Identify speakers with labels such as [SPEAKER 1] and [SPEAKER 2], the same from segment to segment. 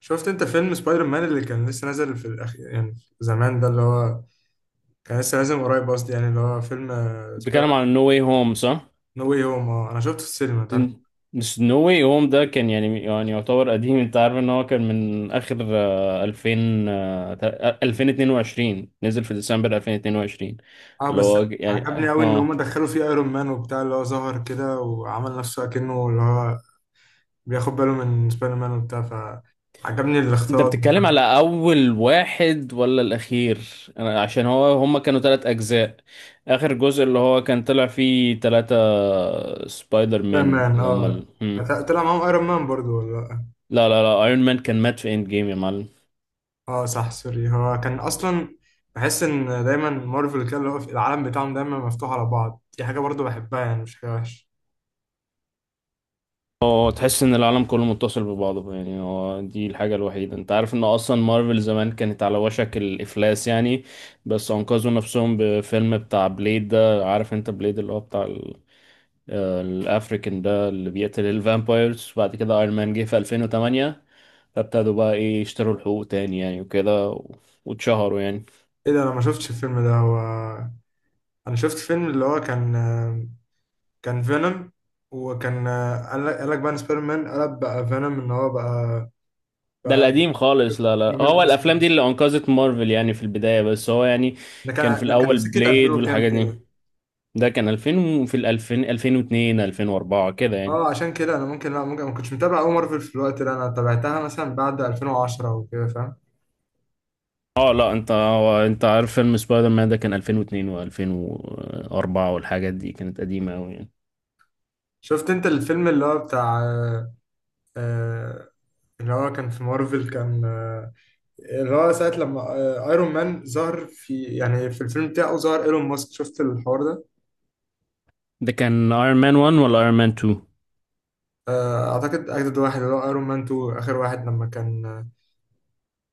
[SPEAKER 1] شفت انت فيلم سبايدر مان اللي كان لسه نازل في الاخير، يعني زمان، ده اللي هو كان لسه نازل من قريب قصدي. يعني اللي هو فيلم سبايدر
[SPEAKER 2] بتتكلم
[SPEAKER 1] مان
[SPEAKER 2] عن نو واي هوم صح؟
[SPEAKER 1] نو واي هوم. اه، انا شفته في السينما انت عارف.
[SPEAKER 2] بس نو واي هوم ده كان يعني يعتبر قديم، انت عارف ان هو كان من اخر 2000 2022، نزل في ديسمبر 2022.
[SPEAKER 1] اه
[SPEAKER 2] اللي
[SPEAKER 1] بس.
[SPEAKER 2] هو ج- يعني
[SPEAKER 1] عجبني قوي ان
[SPEAKER 2] اه
[SPEAKER 1] هم دخلوا فيه ايرون مان وبتاع، اللي هو ظهر كده وعمل نفسه اكنه اللي هو بياخد باله من سبايدر مان وبتاع، فعجبني
[SPEAKER 2] انت
[SPEAKER 1] الاختلاط
[SPEAKER 2] بتتكلم
[SPEAKER 1] ده.
[SPEAKER 2] على اول واحد ولا الاخير؟ انا عشان هو هما كانوا ثلاث اجزاء، اخر جزء اللي هو كان طلع فيه ثلاثة سبايدر
[SPEAKER 1] سبايدر
[SPEAKER 2] مان،
[SPEAKER 1] مان،
[SPEAKER 2] اللي هما
[SPEAKER 1] اه،
[SPEAKER 2] ال... هم.
[SPEAKER 1] طلع معاهم ايرون مان برضو ولا لأ؟
[SPEAKER 2] لا لا لا، ايرون مان كان مات في اند جيم يا معلم.
[SPEAKER 1] اه صح، سوري، هو كان اصلا. بحس ان دايما مارفل كده اللي هو في العالم بتاعهم دايما مفتوح على بعض، دي حاجه برضو بحبها، يعني مش حاجه وحشه.
[SPEAKER 2] هو تحس ان العالم كله متصل ببعضه، يعني هو دي الحاجة الوحيدة. انت عارف ان اصلا مارفل زمان كانت على وشك الافلاس يعني، بس انقذوا نفسهم بفيلم بتاع بليد، ده عارف انت بليد اللي هو بتاع الافريكان ده اللي بيقتل الفامبايرز. بعد كده ايرون مان جه في 2008، فابتدوا بقى ايه يشتروا الحقوق تاني يعني وكده واتشهروا يعني.
[SPEAKER 1] ايه ده؟ انا ما شفتش الفيلم ده. هو انا شفت فيلم اللي هو كان فينوم. وكان قال لك بقى إن سبايدر مان قلب بقى فينوم، ان هو بقى
[SPEAKER 2] ده
[SPEAKER 1] بقى
[SPEAKER 2] القديم خالص، لا لا، هو
[SPEAKER 1] راجل
[SPEAKER 2] الافلام
[SPEAKER 1] اسود.
[SPEAKER 2] دي اللي انقذت مارفل يعني في البداية، بس هو يعني
[SPEAKER 1] ده
[SPEAKER 2] كان في
[SPEAKER 1] كان ده كان
[SPEAKER 2] الاول
[SPEAKER 1] سكة 2000
[SPEAKER 2] بليد
[SPEAKER 1] وكام
[SPEAKER 2] والحاجات دي.
[SPEAKER 1] كده.
[SPEAKER 2] ده كان 2000 في ال 2000 2002 2004 كده يعني.
[SPEAKER 1] اه، عشان كده انا ممكن لا، ممكن ما كنتش متابع قوي مارفل في الوقت ده. انا تابعتها مثلا بعد 2010 وكده فاهم.
[SPEAKER 2] اه لا، انت عارف فيلم سبايدر مان ده كان 2002 و2004 والحاجات دي كانت قديمة قوي يعني.
[SPEAKER 1] شفت انت الفيلم اللي هو بتاع آه، اللي هو كان في مارفل، كان اللي هو ساعة لما ايرون مان ظهر في، يعني في الفيلم بتاعه، ظهر ايلون ماسك. شفت الحوار ده؟
[SPEAKER 2] ده كان ايرون مان 1 ولا ايرون مان 2؟
[SPEAKER 1] اعتقد اجدد واحد اللي هو ايرون مان 2، اخر واحد لما كان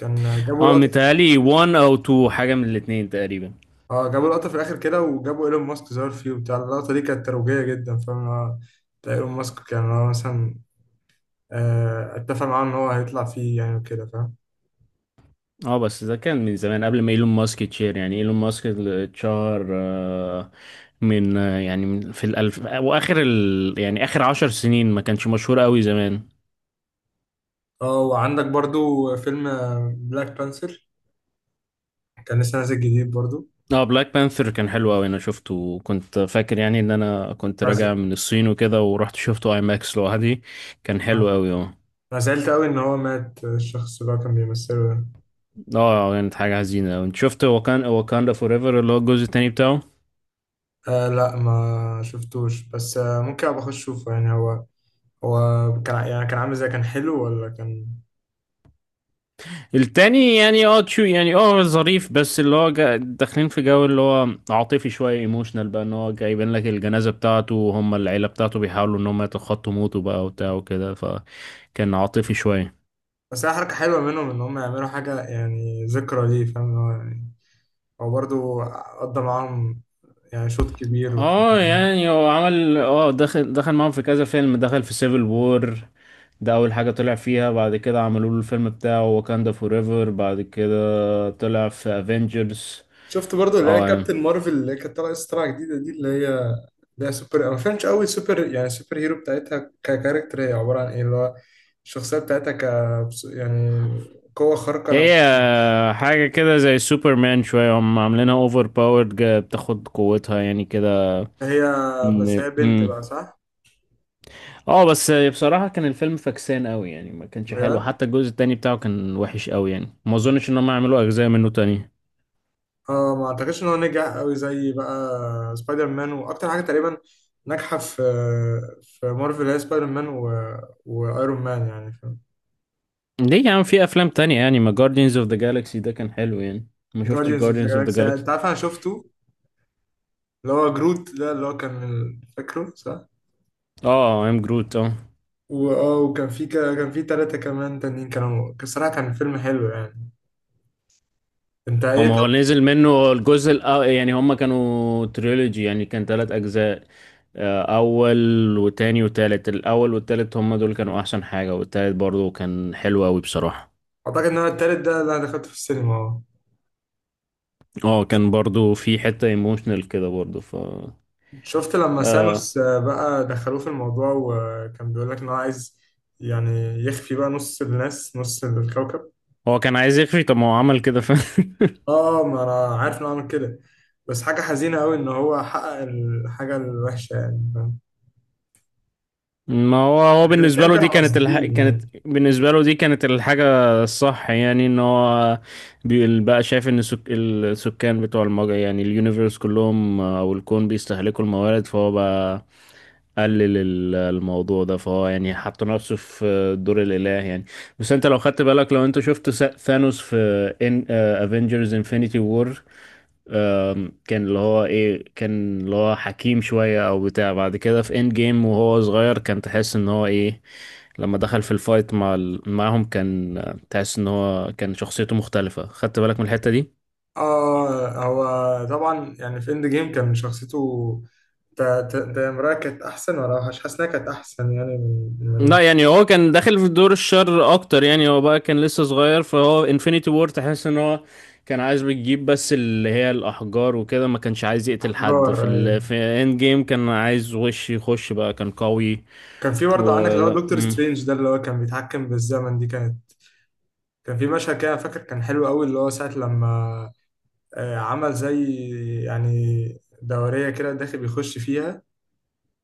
[SPEAKER 1] كان جابوا
[SPEAKER 2] اه
[SPEAKER 1] لقطة.
[SPEAKER 2] متهيألي 1 او 2، حاجة من الاتنين تقريبا.
[SPEAKER 1] اه، جابوا لقطة في الاخر كده وجابوا ايلون ماسك ظهر فيه وبتاع. اللقطة دي كانت ترويجية جدا، فاهم. بتاع ايلون ماسك كان هو مثلا اتفق معاه ان هو هيطلع فيه، يعني وكده، فاهم.
[SPEAKER 2] اه بس ده كان من زمان قبل ما ايلون ماسك يتشير، يعني ايلون ماسك اللي اتشهر آه، من آه، يعني من- في الالف واخر يعني اخر عشر سنين، ما كانش مشهور قوي زمان.
[SPEAKER 1] اه، وعندك برضو فيلم بلاك بانثر، كان لسه نازل جديد برضو.
[SPEAKER 2] اه بلاك بانثر كان حلو قوي، انا شفته وكنت فاكر يعني ان انا كنت
[SPEAKER 1] بس
[SPEAKER 2] راجع من الصين وكده، ورحت شفته اي ماكس لوحدي. كان حلو
[SPEAKER 1] آه،
[SPEAKER 2] قوي اه.
[SPEAKER 1] انا زعلت قوي ان هو مات، الشخص اللي هو كان بيمثله ده.
[SPEAKER 2] اه كانت حاجة حزينة. انت شفت وكان واكاندا فور ايفر اللي هو الجزء التاني بتاعه؟
[SPEAKER 1] لا، ما شفتوش، بس ممكن ابقى اخش اشوفه. يعني هو كان، يعني كان عامل ازاي، كان حلو ولا كان؟
[SPEAKER 2] التاني يعني اه تشو، يعني اه ظريف، بس اللي هو داخلين في جو اللي هو عاطفي شوية، ايموشنال بقى، ان هو جايبين لك الجنازة بتاعته وهم العيلة بتاعته بيحاولوا ان هم يتخطوا موته بقى وبتاع وكده، فكان عاطفي شوية.
[SPEAKER 1] بس هي حركة حلوة منهم ان هم يعملوا حاجة، يعني ذكرى ليه، فاهم؟ اللي هو يعني هو برضه قضى معاهم يعني شوط كبير وكده.
[SPEAKER 2] اه يعني هو عمل اه دخل معاهم في كذا فيلم، دخل في سيفل وور، ده اول حاجة طلع فيها. بعد كده عملوا له الفيلم بتاعه واكاندا فور ايفر، بعد كده طلع في افنجرز.
[SPEAKER 1] شفت برضه اللي هي
[SPEAKER 2] اه يعني
[SPEAKER 1] كابتن مارفل، اللي كانت طالعة لسه طالعة جديدة دي، اللي هي سوبر، ما فهمتش قوي سوبر، يعني سوبر هيرو بتاعتها ككاركتر، هي عبارة عن ايه؟ اللي هو الشخصية بتاعتها يعني قوة خارقة. أنا،
[SPEAKER 2] هي حاجة كده زي سوبرمان شوية، هم عاملينها اوفر باورد، بتاخد قوتها يعني كده
[SPEAKER 1] هي، بس
[SPEAKER 2] إن-
[SPEAKER 1] هي بنت
[SPEAKER 2] مم.
[SPEAKER 1] بقى، صح؟
[SPEAKER 2] اه بس بصراحة كان الفيلم فكسان قوي يعني، ما كانش حلو.
[SPEAKER 1] بجد.
[SPEAKER 2] حتى الجزء التاني بتاعه كان وحش قوي يعني، ما اظنش ان هم يعملوا اجزاء منه تاني.
[SPEAKER 1] اه، ما اعتقدش ان هو نجح قوي زي بقى سبايدر مان. واكتر حاجه تقريبا ناجحه في مارفل هي سبايدر مان وايرون مان، يعني فاهم.
[SPEAKER 2] ليه يا عم، في افلام تانية يعني، ما جاردينز اوف ذا جالاكسي ده كان حلو يعني. ما شفتش
[SPEAKER 1] جارديانز اوف ذا
[SPEAKER 2] جاردينز اوف ذا
[SPEAKER 1] جالاكسي،
[SPEAKER 2] جالاكسي.
[SPEAKER 1] انت عارف انا شفته، اللي هو جروت ده، اللي هو كان فاكره صح؟
[SPEAKER 2] اه ام جروت اه.
[SPEAKER 1] واه، وكان في كان في ثلاثه كمان تانيين كانوا، الصراحه كان فيلم حلو. يعني انت
[SPEAKER 2] هو
[SPEAKER 1] ايه
[SPEAKER 2] ما هو
[SPEAKER 1] طب؟
[SPEAKER 2] نزل منه يعني هما كانوا تريلوجي يعني، كان ثلاث اجزاء، اول وتاني وتالت. الاول والتالت هما دول كانوا احسن حاجة، والتالت برضو كان حلو قوي بصراحة.
[SPEAKER 1] اعتقد ان هو التالت ده اللي انا دخلته في السينما، اه.
[SPEAKER 2] اه كان برضو في حتة ايموشنال كده برضو.
[SPEAKER 1] شفت لما
[SPEAKER 2] آه
[SPEAKER 1] سانوس بقى دخلوه في الموضوع وكان بيقول لك ان هو عايز، يعني، يخفي بقى نص الناس، نص الكوكب.
[SPEAKER 2] هو كان عايز يخفي، طب ما هو عمل كده فاهم
[SPEAKER 1] اه، ما انا عارف انه عمل كده. بس حاجة حزينة قوي ان هو حقق الحاجة الوحشة، يعني فاهم.
[SPEAKER 2] ما هو بالنسبة
[SPEAKER 1] الافلام
[SPEAKER 2] له
[SPEAKER 1] كانوا
[SPEAKER 2] دي
[SPEAKER 1] قاصدين
[SPEAKER 2] كانت
[SPEAKER 1] يعني.
[SPEAKER 2] بالنسبة له دي كانت الحاجة الصح يعني، ان هو بقى شايف ان السكان بتوع المجرة، يعني اليونيفرس كلهم او الكون بيستهلكوا الموارد، فهو بقى قلل الموضوع ده، فهو يعني حط نفسه في دور الإله يعني. بس انت لو خدت بالك، لو انت شفت ثانوس في ان افنجرز انفينيتي وور، كان اللي هو ايه، كان اللي هو حكيم شوية او بتاع. بعد كده في اند جيم وهو صغير كان تحس ان هو ايه، لما دخل في الفايت مع معهم كان، تحس ان هو كان شخصيته مختلفة، خدت بالك من الحتة دي؟
[SPEAKER 1] اه، هو طبعا يعني في اند جيم كان شخصيته، تامرها كانت احسن، ولا مش حاسس انها كانت احسن يعني، من
[SPEAKER 2] لا
[SPEAKER 1] من
[SPEAKER 2] يعني، هو كان داخل في دور الشر اكتر يعني، هو بقى كان لسه صغير، فهو انفينيتي وور تحس ان هو كان عايز بيجيب بس اللي هي الاحجار وكده، ما كانش عايز يقتل حد
[SPEAKER 1] احجار،
[SPEAKER 2] في
[SPEAKER 1] ايوه.
[SPEAKER 2] في اند جيم، كان عايز وش يخش بقى، كان قوي.
[SPEAKER 1] كان في برضه عندك اللي هو
[SPEAKER 2] ولا
[SPEAKER 1] دكتور سترينج ده، اللي هو كان بيتحكم بالزمن، دي كانت. كان في مشهد كده فاكر كان حلو قوي، اللي هو ساعة لما عمل زي يعني دورية كده، داخل بيخش فيها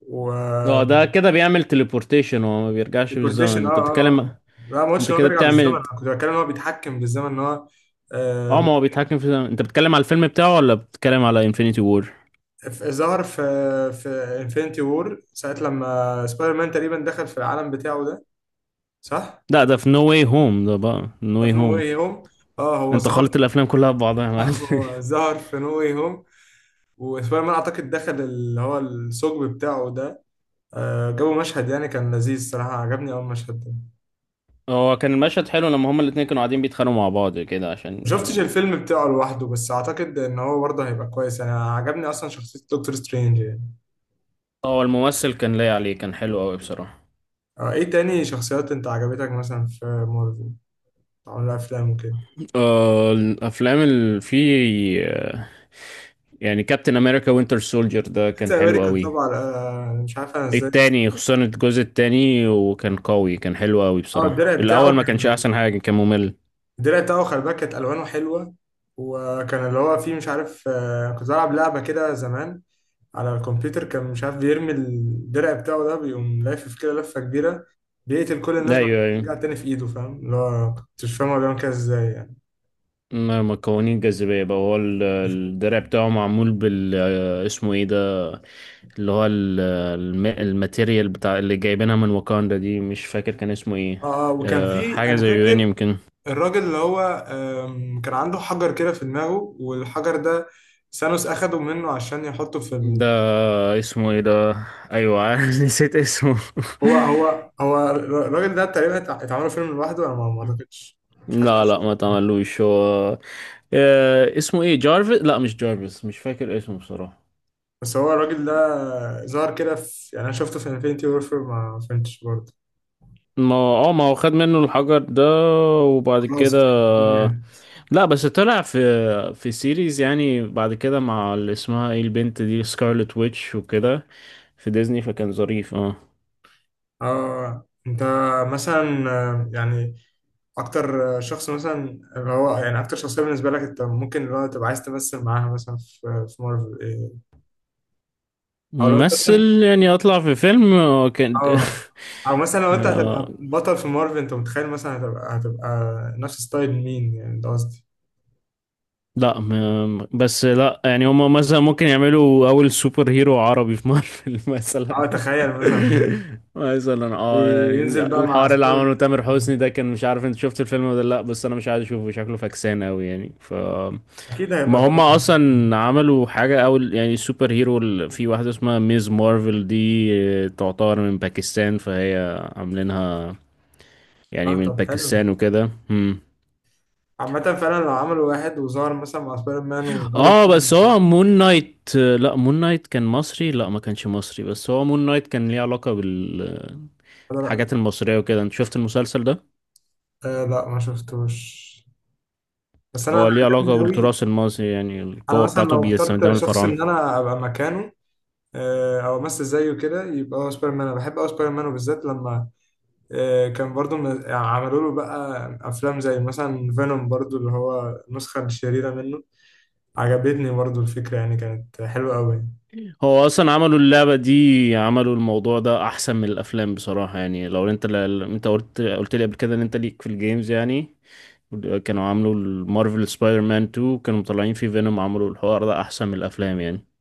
[SPEAKER 1] و.
[SPEAKER 2] اه، ده كده بيعمل تليبورتيشن، هو ما بيرجعش
[SPEAKER 1] ديكورتيشن،
[SPEAKER 2] بالزمن
[SPEAKER 1] اه
[SPEAKER 2] انت
[SPEAKER 1] اه
[SPEAKER 2] بتتكلم.
[SPEAKER 1] اه. لا، ما قلتش
[SPEAKER 2] انت
[SPEAKER 1] ان هو
[SPEAKER 2] كده
[SPEAKER 1] بيرجع بالزمن.
[SPEAKER 2] بتعمل.
[SPEAKER 1] انا كنت بتكلم ان هو بيتحكم بالزمن، ان هو
[SPEAKER 2] اه
[SPEAKER 1] آه،
[SPEAKER 2] ما هو بيتحكم في الزمن، انت بتتكلم على الفيلم بتاعه ولا بتتكلم على انفينيتي وور؟
[SPEAKER 1] ظهر في انفينيتي وور ساعة لما سبايدر مان تقريبا دخل في العالم بتاعه ده، صح؟
[SPEAKER 2] لا ده في نو واي هوم، ده بقى نو
[SPEAKER 1] في
[SPEAKER 2] واي
[SPEAKER 1] نو
[SPEAKER 2] هوم.
[SPEAKER 1] واي هوم، اه. هو
[SPEAKER 2] انت
[SPEAKER 1] ظهر
[SPEAKER 2] خلط الافلام كلها ببعضها يا معلم
[SPEAKER 1] هو ظهر في نو واي هوم، وسبايدر مان اعتقد دخل اللي هو الثقب بتاعه ده. جابوا مشهد يعني كان لذيذ صراحة، عجبني أول مشهد ده.
[SPEAKER 2] هو كان المشهد حلو لما هما الاتنين كانوا قاعدين بيتخانقوا مع بعض كده عشان
[SPEAKER 1] مشفتش
[SPEAKER 2] يعني.
[SPEAKER 1] الفيلم بتاعه لوحده، بس أعتقد إن هو برضه هيبقى كويس، يعني عجبني أصلا شخصية دكتور سترينج. يعني
[SPEAKER 2] هو الممثل كان لايق عليه، كان حلو قوي بصراحة.
[SPEAKER 1] إيه تاني شخصيات أنت عجبتك مثلا في مارفل عملوا أفلام وكده؟
[SPEAKER 2] الافلام اللي فيه، يعني كابتن امريكا وينتر سولجر ده كان
[SPEAKER 1] كابتن
[SPEAKER 2] حلو
[SPEAKER 1] أمريكا
[SPEAKER 2] قوي.
[SPEAKER 1] طبعا. مش عارف أنا إزاي نسيت.
[SPEAKER 2] التاني خصوصا، الجزء التاني وكان قوي كان حلو قوي
[SPEAKER 1] أه،
[SPEAKER 2] بصراحة. الأول ما كانش أحسن حاجة، كان ممل.
[SPEAKER 1] الدرع بتاعه، خلي بالك، كانت الوانه حلوه. وكان اللي هو فيه، مش عارف، كنت بلعب لعبه كده زمان على الكمبيوتر، كان مش عارف بيرمي الدرع بتاعه ده، بيقوم لافف كده لفه كبيره، بيقتل كل الناس، بعد كده
[SPEAKER 2] أيوه أيوه،
[SPEAKER 1] بيرجع تاني في ايده، فاهم، اللي هو كنتش فاهم هو بيعمل كده ازاي يعني.
[SPEAKER 2] ما قوانين الجاذبية بقى. هو الدرع بتاعه معمول بال، اسمه ايه ده، اللي هو الماتيريال بتاع اللي جايبينها من واكاندا دي، مش فاكر كان اسمه ايه،
[SPEAKER 1] اه، وكان في،
[SPEAKER 2] حاجة
[SPEAKER 1] انا
[SPEAKER 2] زي يوني
[SPEAKER 1] فاكر
[SPEAKER 2] يمكن.
[SPEAKER 1] الراجل اللي هو كان عنده حجر كده في دماغه، والحجر ده ثانوس اخده منه عشان يحطه في
[SPEAKER 2] ده اسمه ايه ده؟ ايوه نسيت اسمه
[SPEAKER 1] هو الراجل ده تقريبا، اتعملوا فيلم لوحده، انا ما اعتقدش. مش حاسس.
[SPEAKER 2] لا لا، ما تعملوش هو. اسمه ايه، جارفيس؟ لا مش جارفيس، مش فاكر اسمه بصراحة.
[SPEAKER 1] بس هو الراجل ده ظهر كده في، يعني انا شفته في انفينيتي وورفير، ما فهمتش برضه.
[SPEAKER 2] ما هو خد منه الحجر ده، وبعد كده
[SPEAKER 1] خلاص. مم.
[SPEAKER 2] لا بس طلع في سيريز يعني بعد كده، مع اللي اسمها ايه البنت دي، سكارلت ويتش وكده، في ديزني، فكان ظريف اه.
[SPEAKER 1] اه، انت مثلا يعني اكتر شخص مثلا، اللي هو يعني اكتر شخصيه بالنسبه لك، انت ممكن اللي هو تبقى عايز تمثل معاها مثلا في مارفل إيه؟ او لو انت مثلا
[SPEAKER 2] ممثل يعني اطلع في فيلم كان
[SPEAKER 1] اه، او مثلا لو انت هتبقى بطل في مارفل، انت متخيل مثلا هتبقى نفس ستايل مين؟ يعني ده قصدي.
[SPEAKER 2] لا بس لا، يعني هما مثلا ممكن يعملوا اول سوبر هيرو عربي في مارفل مثلا.
[SPEAKER 1] اه، تخيل مثلا
[SPEAKER 2] مثلا اه يعني
[SPEAKER 1] ينزل بقى مع
[SPEAKER 2] الحوار اللي
[SPEAKER 1] سبايدر
[SPEAKER 2] عمله تامر
[SPEAKER 1] مان.
[SPEAKER 2] حسني ده، كان مش عارف انت شفت الفيلم ولا لا، بس انا مش عايز اشوفه، شكله فكسان قوي يعني.
[SPEAKER 1] اكيد هيبقى
[SPEAKER 2] ما
[SPEAKER 1] طبعا.
[SPEAKER 2] هما اصلا عملوا حاجة، اول يعني سوبر هيرو في واحدة اسمها ميز مارفل دي، تعتبر من باكستان، فهي عاملينها يعني
[SPEAKER 1] اه،
[SPEAKER 2] من
[SPEAKER 1] طب حلو.
[SPEAKER 2] باكستان وكده.
[SPEAKER 1] عامة فعلا لو عملوا واحد وظهر مثلا مع سبايدر مان وايرون
[SPEAKER 2] اه بس
[SPEAKER 1] مان.
[SPEAKER 2] هو مون نايت، لا مون نايت كان مصري، لا ما كانش مصري، بس هو مون نايت كان ليه علاقة بال
[SPEAKER 1] لا،
[SPEAKER 2] الحاجات المصرية وكده، انت شفت المسلسل ده؟
[SPEAKER 1] لا، ما شفتوش، بس انا
[SPEAKER 2] هو
[SPEAKER 1] انا
[SPEAKER 2] ليه علاقة
[SPEAKER 1] عجبني قوي.
[SPEAKER 2] بالتراث المصري، يعني
[SPEAKER 1] انا
[SPEAKER 2] القوة
[SPEAKER 1] مثلا
[SPEAKER 2] بتاعته
[SPEAKER 1] لو اخترت
[SPEAKER 2] بيستخدمها
[SPEAKER 1] شخص
[SPEAKER 2] الفراعنة.
[SPEAKER 1] ان انا ابقى مكانه، او امثل زيه كده، يبقى هو سبايدر مان. انا بحب قوي سبايدر مان، وبالذات لما كان برضو يعني عملوا له بقى افلام زي مثلا فينوم برضو، اللي هو النسخة الشريرة منه. عجبتني برضو الفكرة، يعني كانت حلوة قوي.
[SPEAKER 2] هو أصلا عملوا اللعبة دي، عملوا الموضوع ده أحسن من الأفلام بصراحة يعني. لو أنت أنت قلت لي قبل كده إن أنت ليك في الجيمز يعني، كانوا عاملوا المارفل سبايدر مان 2 كانوا مطلعين فيه فينوم، عملوا الحوار ده أحسن من الأفلام يعني